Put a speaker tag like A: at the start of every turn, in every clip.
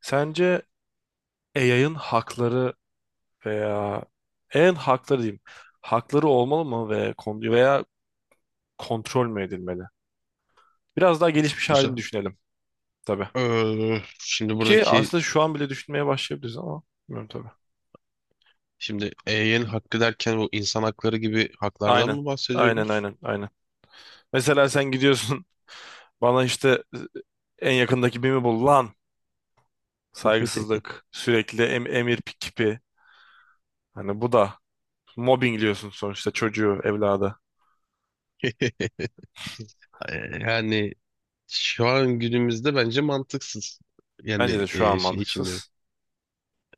A: Sence AI'ın hakları veya en hakları diyeyim, hakları olmalı mı ve veya kontrol mü edilmeli? Biraz daha gelişmiş halini
B: Güzel.
A: düşünelim tabii.
B: Şimdi
A: Ki
B: buradaki
A: aslında şu an bile düşünmeye başlayabiliriz ama bilmiyorum tabii.
B: şimdi EY'nin hakkı derken bu insan hakları gibi haklardan
A: Aynen.
B: mı
A: Aynen,
B: bahsediyoruz?
A: aynen, aynen. Mesela sen gidiyorsun bana işte en yakındaki BİM'i bul lan. Saygısızlık, sürekli emir kipi. Hani bu da mobbingliyorsun sonuçta çocuğu, evladı.
B: Ee, Yani Şu an günümüzde bence mantıksız.
A: Bence
B: Yani
A: de şu an
B: şey için diyorum.
A: mantıksız.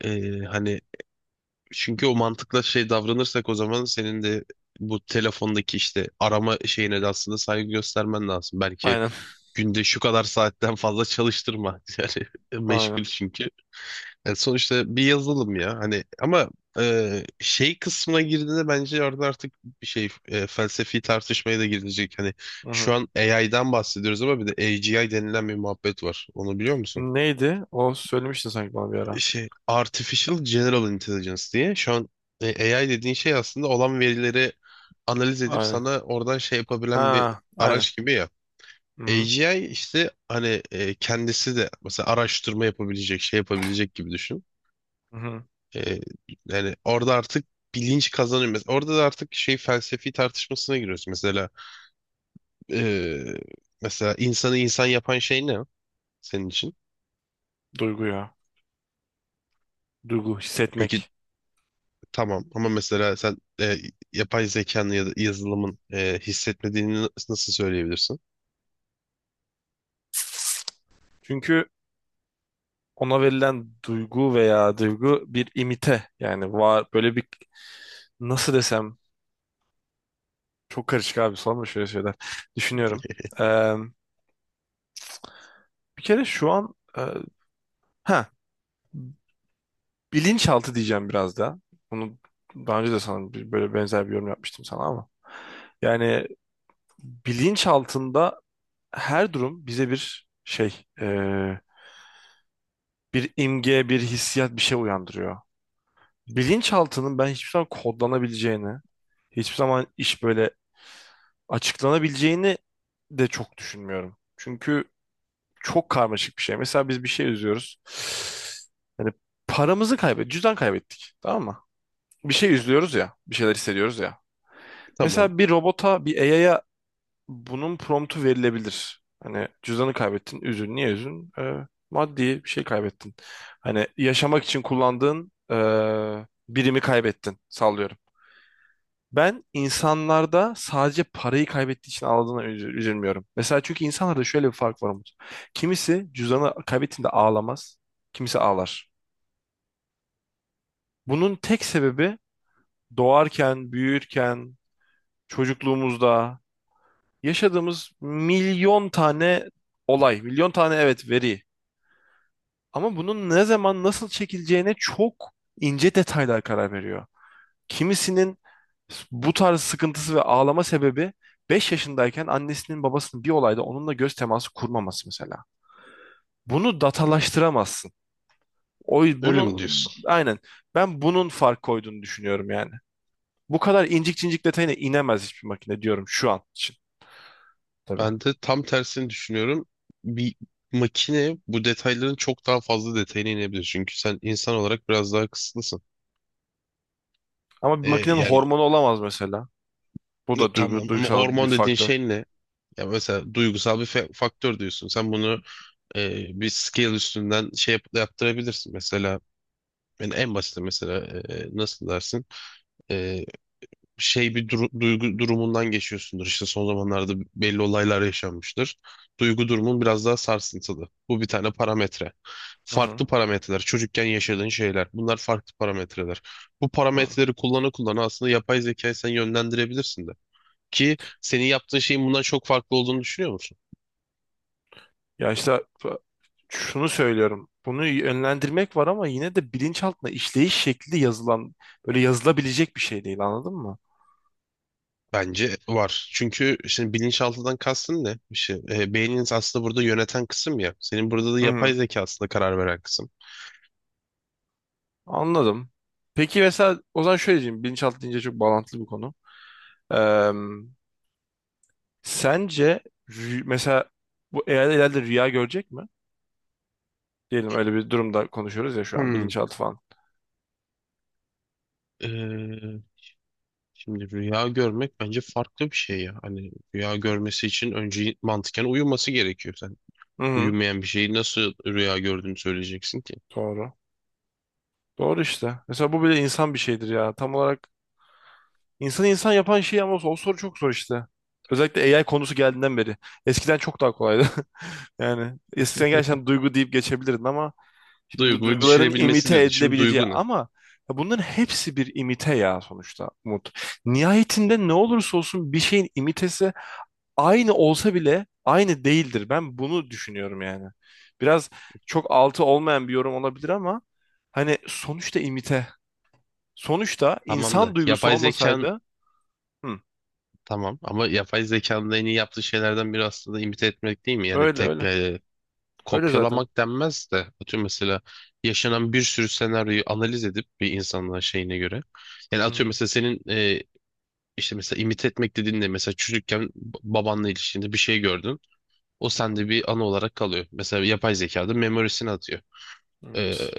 B: Hani çünkü o mantıkla şey davranırsak, o zaman senin de bu telefondaki işte arama şeyine de aslında saygı göstermen lazım. Belki
A: Aynen.
B: günde şu kadar saatten fazla çalıştırma. Yani
A: Aynen.
B: meşgul çünkü. Yani sonuçta bir yazılım ya hani, ama şey kısmına girdiğinde bence orada artık bir şey felsefi tartışmaya da girilecek. Hani
A: Hı
B: şu
A: hı.
B: an AI'dan bahsediyoruz ama bir de AGI denilen bir muhabbet var. Onu biliyor musun?
A: Neydi? O söylemiştin sanki bana bir ara.
B: Şey, Artificial General Intelligence diye, şu an AI dediğin şey aslında olan verileri analiz edip
A: Aynen.
B: sana oradan şey yapabilen bir
A: Ha, aynen.
B: araç gibi ya.
A: Hı-hı.
B: AGI işte, hani, kendisi de mesela araştırma yapabilecek, şey yapabilecek gibi düşün.
A: Hı-hı.
B: Ee, Yani orada artık bilinç kazanıyor. Orada da artık şey, felsefi tartışmasına giriyoruz. Mesela ee, mesela insanı insan yapan şey ne senin için?
A: Duygu ya. Duygu,
B: Peki
A: hissetmek.
B: tamam ama mesela sen yapay zekanın ya da yazılımın hissetmediğini nasıl söyleyebilirsin?
A: Çünkü ona verilen duygu veya duygu bir imite. Yani var böyle bir, nasıl desem, çok karışık abi, sorma şöyle şeyler. Düşünüyorum. Ee, Bir kere şu an ha, bilinçaltı diyeceğim biraz da. Bunu daha önce de sana böyle benzer bir yorum yapmıştım sana ama. Yani bilinçaltında her durum bize bir şey, bir imge, bir hissiyat, bir şey uyandırıyor. Bilinçaltının ben hiçbir zaman kodlanabileceğini, hiçbir zaman iş böyle açıklanabileceğini de çok düşünmüyorum. Çünkü çok karmaşık bir şey. Mesela biz bir şey üzüyoruz. Yani paramızı kaybettik, cüzdan kaybettik, tamam mı? Bir şey üzülüyoruz ya, bir şeyler hissediyoruz ya.
B: Tamam.
A: Mesela bir robota, bir AI'ya bunun promptu verilebilir. Hani cüzdanı kaybettin, üzün. Niye üzün? Maddi bir şey kaybettin. Hani yaşamak için kullandığın birimi kaybettin. Sallıyorum. Ben insanlarda sadece parayı kaybettiği için ağladığına üzülmüyorum. Mesela çünkü insanlarda şöyle bir fark var Umut. Kimisi cüzdanı kaybettiğinde ağlamaz, kimisi ağlar. Bunun tek sebebi doğarken, büyürken, çocukluğumuzda yaşadığımız milyon tane olay, milyon tane evet veri. Ama bunun ne zaman nasıl çekileceğine çok ince detaylar karar veriyor. Kimisinin bu tarz sıkıntısı ve ağlama sebebi 5 yaşındayken annesinin babasının bir olayda onunla göz teması kurmaması mesela. Bunu datalaştıramazsın. O
B: Öyle
A: bunu
B: mi diyorsun?
A: Aynen, ben bunun fark koyduğunu düşünüyorum yani. Bu kadar incik cincik detayına inemez hiçbir makine diyorum şu an için tabii.
B: Ben de tam tersini düşünüyorum. Bir makine bu detayların çok daha fazla detayına inebilir. Çünkü sen insan olarak biraz daha kısıtlısın.
A: Ama bir
B: Ee,
A: makinenin
B: yani
A: hormonu olamaz mesela. Bu da duygu,
B: tamam ama
A: duygusal bir
B: hormon dediğin
A: faktör.
B: şey ne? Ya mesela duygusal bir faktör diyorsun. Sen bunu bir scale üstünden şey yaptırabilirsin. Mesela yani en basit, mesela nasıl dersin? E, Şey, bir duygu durumundan geçiyorsundur. İşte son zamanlarda belli olaylar yaşanmıştır. Duygu durumun biraz daha sarsıntılı. Bu bir tane parametre.
A: Hı
B: Farklı
A: hı.
B: parametreler. Çocukken yaşadığın şeyler. Bunlar farklı parametreler. Bu
A: Ha.
B: parametreleri kullana kullana aslında yapay zekayı sen yönlendirebilirsin de. Ki senin yaptığın şeyin bundan çok farklı olduğunu düşünüyor musun?
A: Ya işte şunu söylüyorum. Bunu yönlendirmek var ama yine de bilinçaltına işleyiş şekli yazılan, böyle yazılabilecek bir şey değil, anladın mı?
B: Bence var. Çünkü şimdi bilinçaltından kastın ne? İşte, beyniniz aslında burada yöneten kısım ya. Senin burada da
A: Hı
B: yapay
A: hı.
B: zeka aslında karar veren kısım.
A: Anladım. Peki mesela o zaman şöyle diyeyim. Bilinçaltı deyince çok bağlantılı bir konu. Sence mesela bu eğer ileride rüya görecek mi? Diyelim öyle bir durumda konuşuyoruz ya şu an,
B: Hmm.
A: bilinçaltı falan.
B: e, Şimdi rüya görmek bence farklı bir şey ya. Hani rüya görmesi için önce mantıken uyuması gerekiyor. Sen
A: Hı hı.
B: uyumayan bir şeyi nasıl rüya gördüğünü söyleyeceksin ki?
A: Doğru. Doğru işte. Mesela bu bile insan bir şeydir ya. Tam olarak insanı insan yapan şey, ama o soru çok zor işte. Özellikle AI konusu geldiğinden beri. Eskiden çok daha kolaydı. Yani eskiden gerçekten duygu deyip geçebilirdin ama şimdi
B: Duyguyu
A: duyguların
B: düşünebilmesi
A: imite
B: diyordun. Şimdi
A: edilebileceği
B: duygu ne?
A: ama ya bunların hepsi bir imite ya, sonuçta Umut. Nihayetinde ne olursa olsun bir şeyin imitesi aynı olsa bile aynı değildir. Ben bunu düşünüyorum yani. Biraz çok altı olmayan bir yorum olabilir ama hani sonuçta imite. Sonuçta
B: Tamam
A: insan
B: da
A: duygusu
B: yapay zekan
A: olmasaydı, hı,
B: tamam ama yapay zekanın en iyi yaptığı şeylerden biri aslında imite etmek değil mi? Yani
A: öyle
B: tek,
A: öyle. Öyle zaten.
B: kopyalamak denmez de, atıyorum, mesela yaşanan bir sürü senaryoyu analiz edip bir insanın şeyine göre. Yani
A: Hı
B: atıyorum,
A: hı,
B: mesela senin işte mesela imit etmek dediğin de, mesela çocukken babanla ilişkinde bir şey gördün. O
A: hı
B: sende
A: hı.
B: bir anı olarak kalıyor. Mesela yapay zekada memorisini atıyor. E,
A: Evet.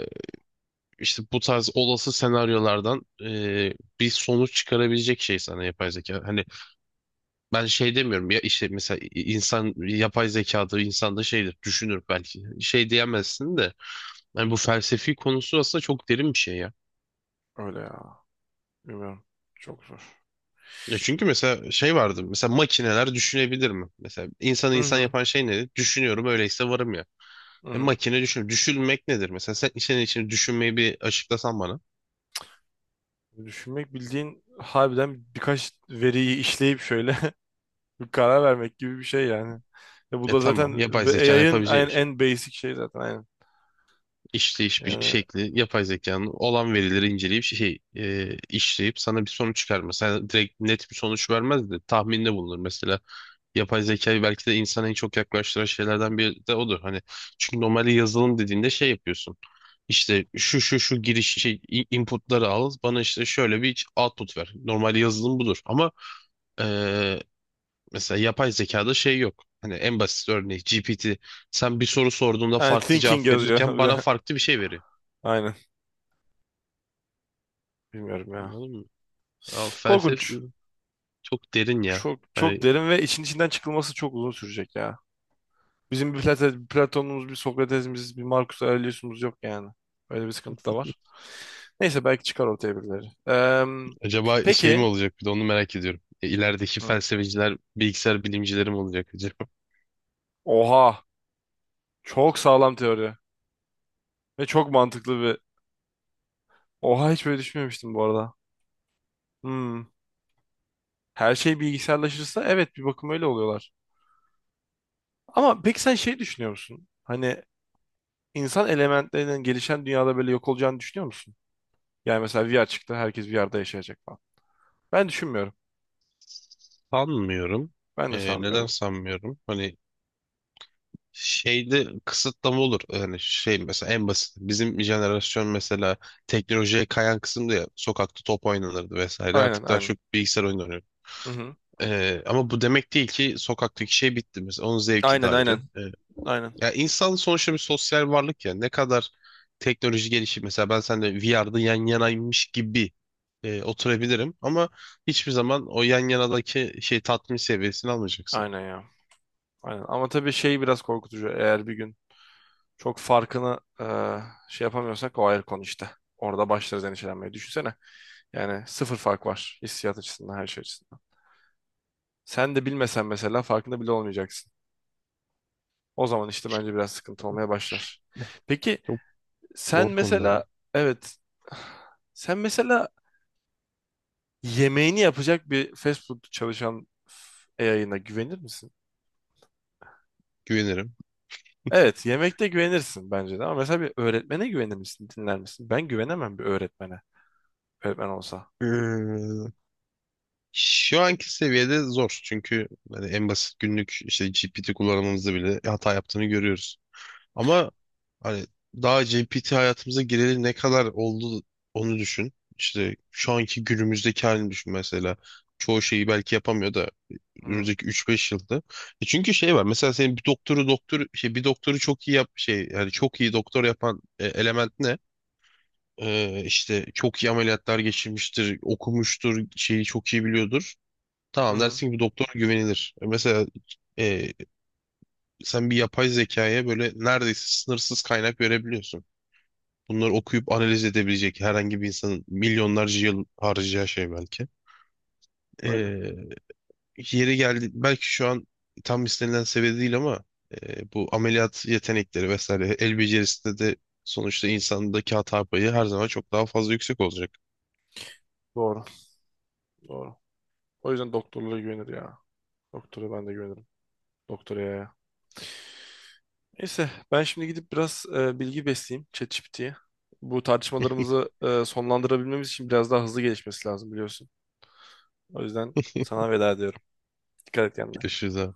B: işte bu tarz olası senaryolardan bir sonuç çıkarabilecek şey sana, yapay zeka. Hani ben şey demiyorum ya, işte mesela insan yapay zekada, insan da şeydir düşünür belki. Şey diyemezsin de. Yani bu felsefi konusu aslında çok derin bir şey ya.
A: Öyle ya. Bilmiyorum. Çok zor.
B: Ya çünkü mesela şey vardı. Mesela makineler düşünebilir mi? Mesela insanı
A: Hı
B: insan
A: hı.
B: yapan şey nedir? Düşünüyorum öyleyse varım ya.
A: Hı
B: E
A: hı.
B: makine düşün. Düşünmek nedir? Mesela sen senin için düşünmeyi bir açıklasan bana.
A: Düşünmek bildiğin harbiden birkaç veriyi işleyip şöyle bir karar vermek gibi bir şey yani. Ya bu
B: E
A: da zaten
B: tamam. Yapay zekanın
A: AI'ın
B: yapabileceği bir
A: en,
B: şey.
A: en basic şey zaten, aynen.
B: İşleyiş bir
A: Yani
B: şekli, yapay zekanın olan verileri inceleyip şey işleyip sana bir sonuç çıkarmaz. Sana direkt net bir sonuç vermez de tahminde bulunur mesela. Yapay zekayı belki de insana en çok yaklaştıran şeylerden biri de odur. Hani çünkü normalde yazılım dediğinde şey yapıyorsun. İşte şu şu şu giriş şey inputları al, bana işte şöyle bir output ver. Normal yazılım budur ama eee, mesela yapay zekada şey yok. Hani en basit örneği GPT, sen bir soru sorduğunda
A: and
B: farklı
A: thinking
B: cevap
A: yazıyor
B: verirken
A: bir
B: bana
A: de.
B: farklı bir şey veriyor.
A: Aynen. Bilmiyorum ya.
B: Anladın mı? Aa, felsefe
A: Korkunç.
B: çok derin ya.
A: Çok çok
B: Hani
A: derin ve içinden çıkılması çok uzun sürecek ya. Bizim bir Platon'umuz, bir Sokrates'imiz, bir Marcus Aurelius'umuz yok yani. Öyle bir sıkıntı da var. Neyse belki çıkar ortaya birileri.
B: acaba şey mi
A: Peki.
B: olacak, bir de onu merak ediyorum. İlerideki
A: Hı.
B: felsefeciler, bilgisayar bilimcileri mi olacak acaba?
A: Oha. Çok sağlam teori. Ve çok mantıklı bir... Oha, hiç böyle düşünmemiştim bu arada. Hmm. Her şey bilgisayarlaşırsa evet, bir bakıma öyle oluyorlar. Ama peki sen şey düşünüyor musun? Hani insan elementlerinin gelişen dünyada böyle yok olacağını düşünüyor musun? Yani mesela VR çıktı, herkes VR'da yaşayacak falan. Ben düşünmüyorum.
B: Sanmıyorum.
A: Ben de
B: Neden
A: sanmıyorum.
B: sanmıyorum? Hani şeyde kısıtlama olur. Yani şey, mesela en basit. Bizim jenerasyon mesela teknolojiye kayan kısımda ya, sokakta top oynanırdı vesaire.
A: Aynen,
B: Artık daha
A: aynen.
B: çok bilgisayar oyunu oynuyor.
A: Hı hı.
B: Ama bu demek değil ki sokaktaki şey bitti mesela. Onun zevki de
A: Aynen,
B: ayrı.
A: aynen. Aynen.
B: Ya insan sonuçta bir sosyal varlık ya. Ne kadar teknoloji gelişir. Mesela ben seninle VR'da yan yanaymış gibi oturabilirim. Ama hiçbir zaman o yan yanadaki şey tatmin seviyesini almayacaksın.
A: Aynen ya. Aynen. Ama tabii şey biraz korkutucu. Eğer bir gün çok farkını şey yapamıyorsak, o ayrı konu işte. Orada başlarız endişelenmeye. Düşünsene. Yani sıfır fark var hissiyat açısından, her şey açısından. Sen de bilmesen mesela, farkında bile olmayacaksın. O zaman işte bence biraz sıkıntı olmaya başlar. Peki sen
B: Zor konular
A: mesela,
B: ya.
A: evet, sen mesela yemeğini yapacak bir fast food çalışan yayına güvenir misin?
B: Güvenirim.
A: Evet, yemekte güvenirsin bence de ama mesela bir öğretmene güvenir misin, dinler misin? Ben güvenemem bir öğretmene. Öğretmen olsa.
B: Ee, Şu anki seviyede zor. Çünkü hani en basit günlük işte GPT kullanmamızda bile hata yaptığını görüyoruz. Ama hani daha GPT hayatımıza gireli ne kadar oldu onu düşün. İşte şu anki günümüzdeki halini düşün mesela. Çoğu şeyi belki yapamıyor da
A: Hı hı.
B: önümüzdeki 3-5 yılda. E çünkü şey var. Mesela senin bir doktoru doktor şey bir doktoru çok iyi yap şey yani çok iyi doktor yapan element. İşte çok iyi ameliyatlar geçirmiştir, okumuştur, şeyi çok iyi biliyordur. Tamam dersin ki bu doktor güvenilir. E, mesela e, sen bir yapay zekaya böyle neredeyse sınırsız kaynak verebiliyorsun. Bunları okuyup analiz edebilecek herhangi bir insanın milyonlarca yıl harcayacağı şey belki.
A: Öyle.
B: Ee, Yeri geldi belki şu an tam istenilen seviyede değil ama bu ameliyat yetenekleri vesaire el becerisinde de sonuçta insandaki hata payı her zaman çok daha fazla yüksek olacak.
A: Doğru. Doğru. O yüzden doktorluğa güvenir ya. Doktora ben de güvenirim. Doktoraya ya. Neyse, ben şimdi gidip biraz bilgi besleyeyim ChatGPT'ye. Bu tartışmalarımızı sonlandırabilmemiz için biraz daha hızlı gelişmesi lazım biliyorsun. O yüzden sana veda ediyorum. Dikkat et kendine.
B: Görüşürüz abi.